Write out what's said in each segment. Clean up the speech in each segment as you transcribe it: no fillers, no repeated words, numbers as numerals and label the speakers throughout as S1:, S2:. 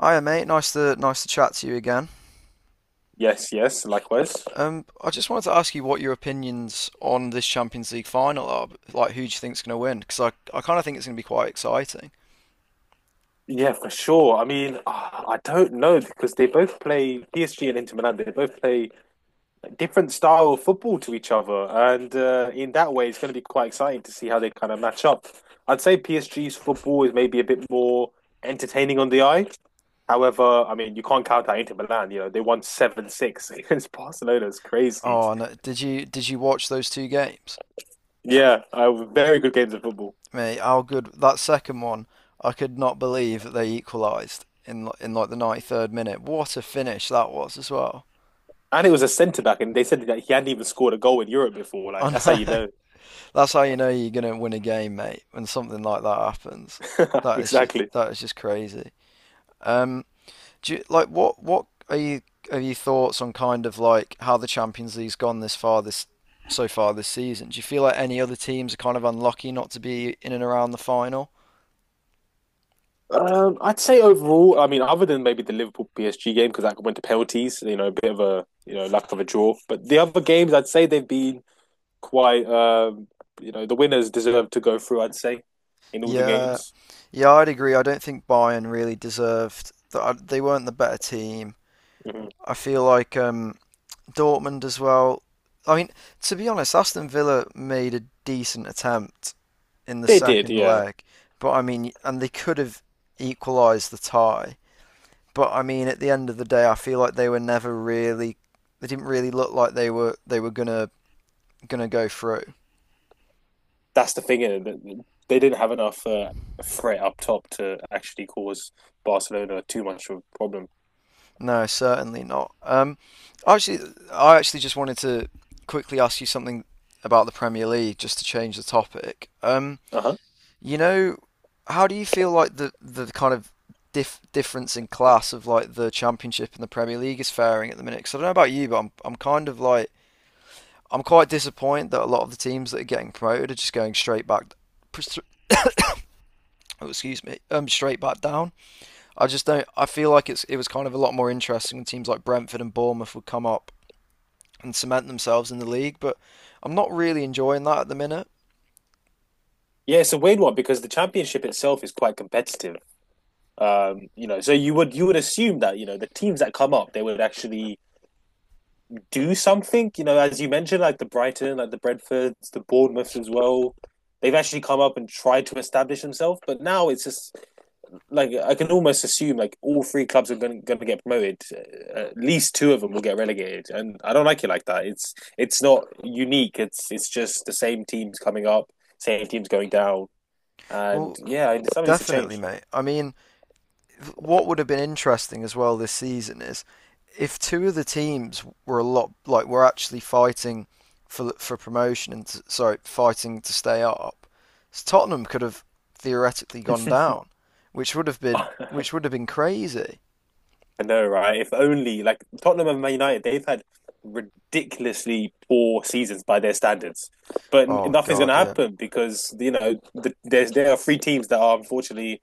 S1: Hiya, mate. Nice to chat to you again.
S2: Yes, yes, likewise.
S1: I just wanted to ask you what your opinions on this Champions League final are. Like, who do you think's going to win? Because I kind of think it's going to be quite exciting.
S2: Yeah, for sure. I don't know because they both play PSG and Inter Milan. They both play different style of football to each other, and in that way, it's going to be quite exciting to see how they kind of match up. I'd say PSG's football is maybe a bit more entertaining on the eye. However, I mean, you can't count out Inter Milan. You know, they won 7-6 against Barcelona. It's crazy.
S1: Oh, no, did you watch those two games,
S2: Yeah, very good games of football.
S1: mate? How good that second one! I could not believe that they equalised in like the 93rd minute. What a finish that was as well.
S2: And it was a centre back, and they said that he hadn't even scored a goal in Europe before.
S1: I
S2: Like, that's how you
S1: know.
S2: know.
S1: That's how you know you're going to win a game, mate, when something like that happens.
S2: Exactly.
S1: That is just crazy. Um, Do you, like What are your thoughts on kind of like how the Champions League's gone this far this so far this season? Do you feel like any other teams are kind of unlucky not to be in and around the final?
S2: I'd say overall, I mean, other than maybe the Liverpool PSG game because that went to penalties, a bit of a lack of a draw. But the other games, I'd say they've been quite, you know, the winners deserve to go through. I'd say in all the
S1: Yeah,
S2: games.
S1: yeah, I'd agree. I don't think Bayern really deserved that. They weren't the better team.
S2: Mhm.
S1: I feel like Dortmund as well. I mean, to be honest, Aston Villa made a decent attempt in the
S2: They did,
S1: second
S2: yeah.
S1: leg, but I mean, and they could have equalised the tie. But I mean, at the end of the day, I feel like they were never really. They didn't really look like they were gonna go through.
S2: That's the thing, isn't it? They didn't have enough threat up top to actually cause Barcelona too much of a problem.
S1: No, certainly not. Actually, I actually just wanted to quickly ask you something about the Premier League, just to change the topic.
S2: Uh huh.
S1: You know, how do you feel like the kind of difference in class of like the Championship and the Premier League is faring at the minute? Because I don't know about you, but I'm kind of like I'm quite disappointed that a lot of the teams that are getting promoted are just going straight back straight back down. I just don't. I feel like it was kind of a lot more interesting when teams like Brentford and Bournemouth would come up and cement themselves in the league. But I'm not really enjoying that at the minute.
S2: Yeah, it's a weird one because the championship itself is quite competitive. You know, so you would assume that you know the teams that come up, they would actually do something. You know, as you mentioned, like the Brighton, like the Brentfords, the Bournemouths as well. They've actually come up and tried to establish themselves, but now it's just like I can almost assume like all three clubs are going to get promoted. At least two of them will get relegated, and I don't like it like that. It's not unique. It's just the same teams coming up, same teams going down, and
S1: Well,
S2: yeah, something needs to change.
S1: definitely, mate. I mean, what would have been interesting as well this season is if two of the teams were a lot like were actually fighting for promotion and to, sorry, fighting to stay up. So Tottenham could have theoretically gone down, which would have been
S2: I
S1: crazy.
S2: know, right? If only like Tottenham and Man United, they've had ridiculously poor seasons by their standards, but
S1: Oh
S2: nothing's going to
S1: God, yeah,
S2: happen because you know the, there's there are three teams that are unfortunately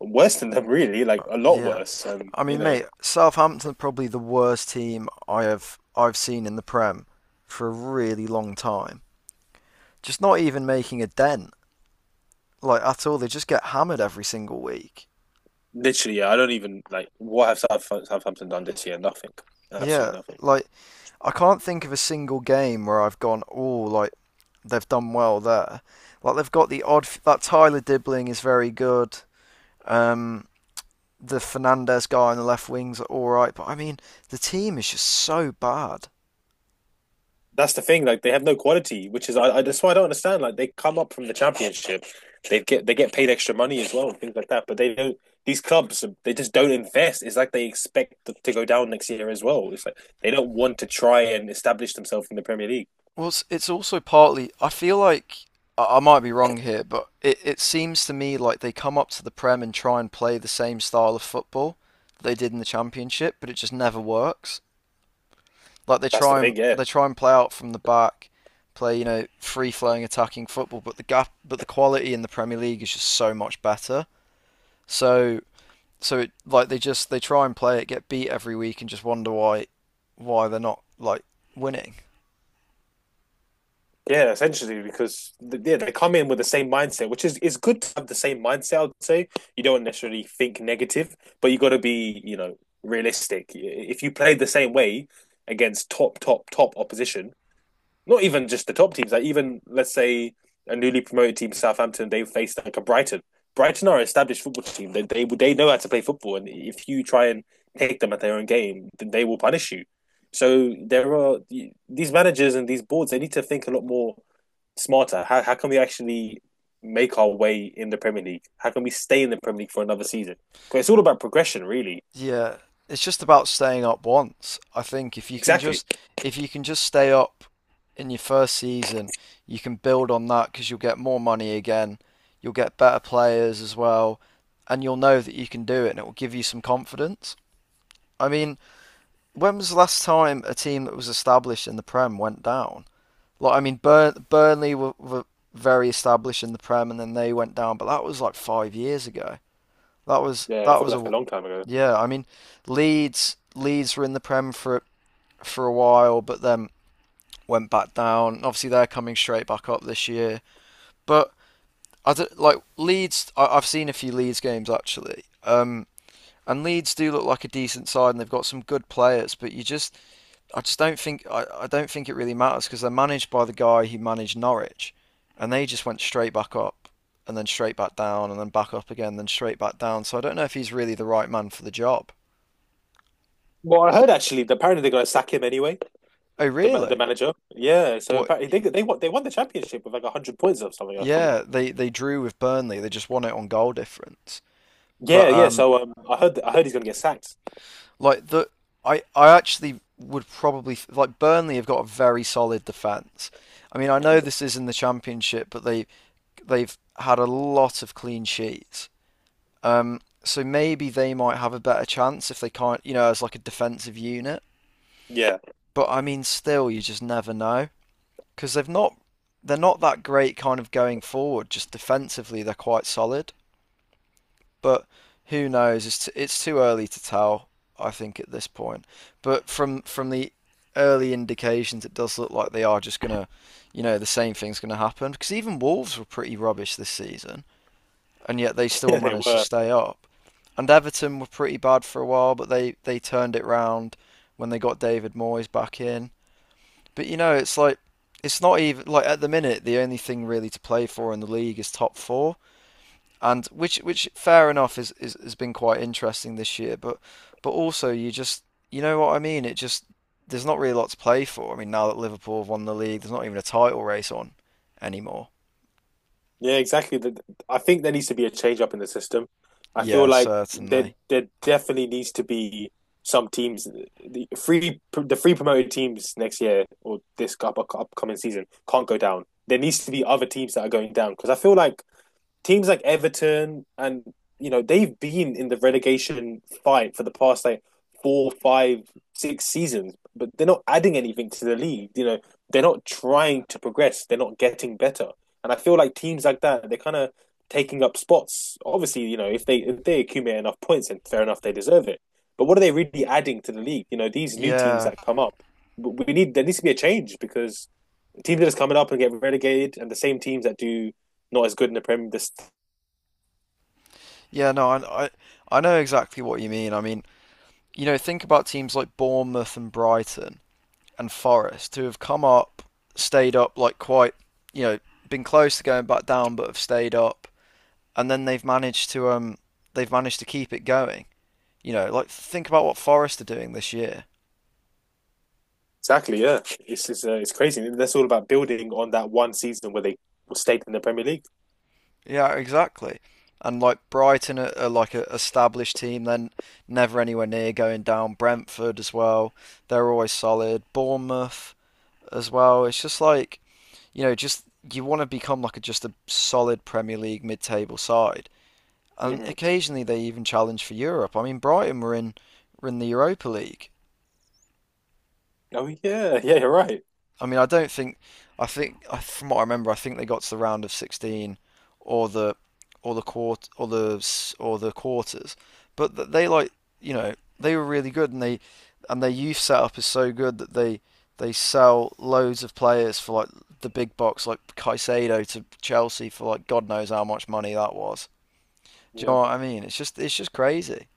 S2: worse than them, really, like a lot
S1: yeah.
S2: worse. And
S1: I
S2: you
S1: mean,
S2: know,
S1: mate, Southampton are probably the worst team I've seen in the Prem for a really long time. Just not even making a dent, like at all. They just get hammered every single week.
S2: literally, yeah, I don't even like what have Southampton done this year? Nothing,
S1: Yeah,
S2: absolutely nothing.
S1: like I can't think of a single game where I've gone, oh, like they've done well there. Like they've got the odd that Tyler Dibbling is very good. Um, the Fernandez guy on the left wings are all right, but I mean, the team is just so bad.
S2: That's the thing. Like they have no quality, which is I that's why I don't understand. Like they come up from the championship, they get paid extra money as well and things like that. But they don't. These clubs, they just don't invest. It's like they expect to go down next year as well. It's like they don't want to try and establish themselves in the Premier League.
S1: It's also partly. I feel like I might be wrong here, but it seems to me like they come up to the Prem and try and play the same style of football that they did in the Championship, but it just never works. Like
S2: That's the thing. Yeah,
S1: they try and play out from the back, play you know free flowing attacking football, but the quality in the Premier League is just so much better. So so it, like they just they try and play it, get beat every week, and just wonder why they're not like winning.
S2: yeah. Essentially, because yeah, they come in with the same mindset, which is good to have the same mindset. I'd say you don't necessarily think negative, but you got to be, you know, realistic. If you play the same way against top opposition, not even just the top teams, like even let's say a newly promoted team, Southampton, they face like a Brighton. Brighton are an established football team. They know how to play football, and if you try and take them at their own game, then they will punish you. So there are these managers and these boards. They need to think a lot more smarter. How can we actually make our way in the Premier League? How can we stay in the Premier League for another season? Because it's all about progression, really.
S1: Yeah, it's just about staying up once. I think if you can
S2: Exactly.
S1: just if you can just stay up in your first season, you can build on that because you'll get more money again. You'll get better players as well, and you'll know that you can do it, and it will give you some confidence. I mean, when was the last time a team that was established in the Prem went down? Like, I mean, Burnley were very established in the Prem, and then they went down, but that was like 5 years ago.
S2: Yeah, I
S1: That
S2: felt
S1: was
S2: like
S1: a
S2: a long time ago.
S1: yeah, I mean, Leeds were in the Prem for a while, but then went back down. Obviously, they're coming straight back up this year. But I don't, like Leeds. I've seen a few Leeds games actually, and Leeds do look like a decent side, and they've got some good players. I just don't think I don't think it really matters because they're managed by the guy who managed Norwich, and they just went straight back up, and then straight back down, and then back up again, then straight back down. So I don't know if he's really the right man for the job.
S2: Well, I heard actually that apparently they're going to sack him anyway.
S1: Oh,
S2: The
S1: really?
S2: manager, yeah. So
S1: What?
S2: apparently they won the championship with like hundred points or something, I think.
S1: Yeah, they drew with Burnley. They just won it on goal difference.
S2: Yeah,
S1: But
S2: yeah. So I heard he's gonna get sacked.
S1: like the I actually would probably like Burnley have got a very solid defense. I mean, I know this is in the championship, but they've had a lot of clean sheets. So maybe they might have a better chance if they can't, you know, as like a defensive unit.
S2: Yeah.
S1: But I mean, still, you just never know because they're not that great kind of going forward. Just defensively, they're quite solid. But who knows? It's too early to tell. I think at this point, but from the early indications, it does look like they are just gonna, you know, the same thing's gonna happen. Because even Wolves were pretty rubbish this season, and yet they still
S2: Yeah, they
S1: managed to
S2: were.
S1: stay up. And Everton were pretty bad for a while, but they turned it round when they got David Moyes back in. But you know, it's like it's not even like at the minute the only thing really to play for in the league is top four and which fair enough is has been quite interesting this year, but also you just you know what I mean. It just there's not really a lot to play for. I mean, now that Liverpool have won the league, there's not even a title race on anymore.
S2: Yeah, exactly. I think there needs to be a change up in the system. I feel
S1: Yeah,
S2: like there
S1: certainly.
S2: there definitely needs to be some teams, the free promoted teams next year or this upcoming season, can't go down. There needs to be other teams that are going down because I feel like teams like Everton and, you know, they've been in the relegation fight for the past like four, five, six seasons, but they're not adding anything to the league. You know, they're not trying to progress. They're not getting better. And I feel like teams like that, they're kind of taking up spots. Obviously, you know, if they accumulate enough points, then fair enough, they deserve it. But what are they really adding to the league? You know, these new teams
S1: Yeah,
S2: that come up, we need, there needs to be a change because teams that are coming up and get relegated, and the same teams that do not as good in the Premier, the
S1: yeah. No, I know exactly what you mean. I mean, you know, think about teams like Bournemouth and Brighton and Forest who have come up, stayed up like quite you know been close to going back down, but have stayed up and then they've managed to keep it going. You know, like think about what Forest are doing this year.
S2: exactly, yeah. It's just, it's crazy. And that's all about building on that one season where they stayed in the Premier League.
S1: Yeah, exactly. And like Brighton are like an established team, then never anywhere near going down. Brentford as well, they're always solid. Bournemouth as well. It's just like you know, just you want to become like just a solid Premier League mid-table side, and
S2: Hmm.
S1: occasionally they even challenge for Europe. I mean, Brighton were in the Europa League.
S2: Oh yeah, yeah, you're right.
S1: I mean, I don't think. I think from what I remember, I think they got to the round of 16 or the or the quarters. But they like you know they were really good, and they and their youth setup is so good that they sell loads of players for like the big box, like Caicedo to Chelsea for like God knows how much money that was. Do you know
S2: Yep.
S1: what I mean? It's just crazy.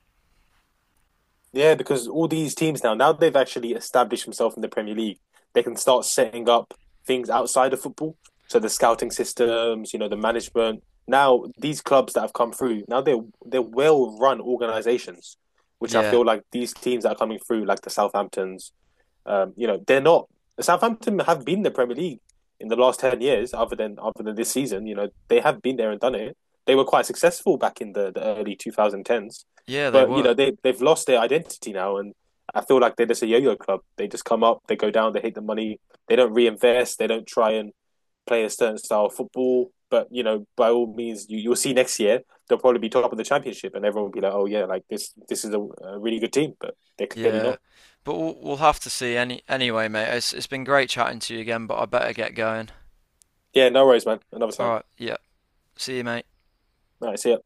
S2: Yeah, because all these teams now, now they've actually established themselves in the Premier League, they can start setting up things outside of football. So the scouting systems, you know, the management. Now these clubs that have come through, now they're well run organizations, which I
S1: Yeah.
S2: feel like these teams that are coming through, like the Southamptons. You know, they're not, Southampton have been the Premier League in the last 10 years, other than this season. You know, they have been there and done it. They were quite successful back in the early 2010s,
S1: Yeah, they
S2: but you
S1: were.
S2: know they've lost their identity now, and I feel like they're just a yo-yo club. They just come up, they go down, they hit the money, they don't reinvest, they don't try and play a certain style of football. But you know, by all means, you'll see next year they'll probably be top of the championship, and everyone will be like, "Oh yeah, like this is a really good team," but they're clearly
S1: Yeah,
S2: not.
S1: but we'll have to see. Anyway, mate. It's been great chatting to you again, but I better get going.
S2: Yeah, no worries, man. Another
S1: All
S2: time.
S1: right. Yeah. See you, mate.
S2: Nice. Yeah.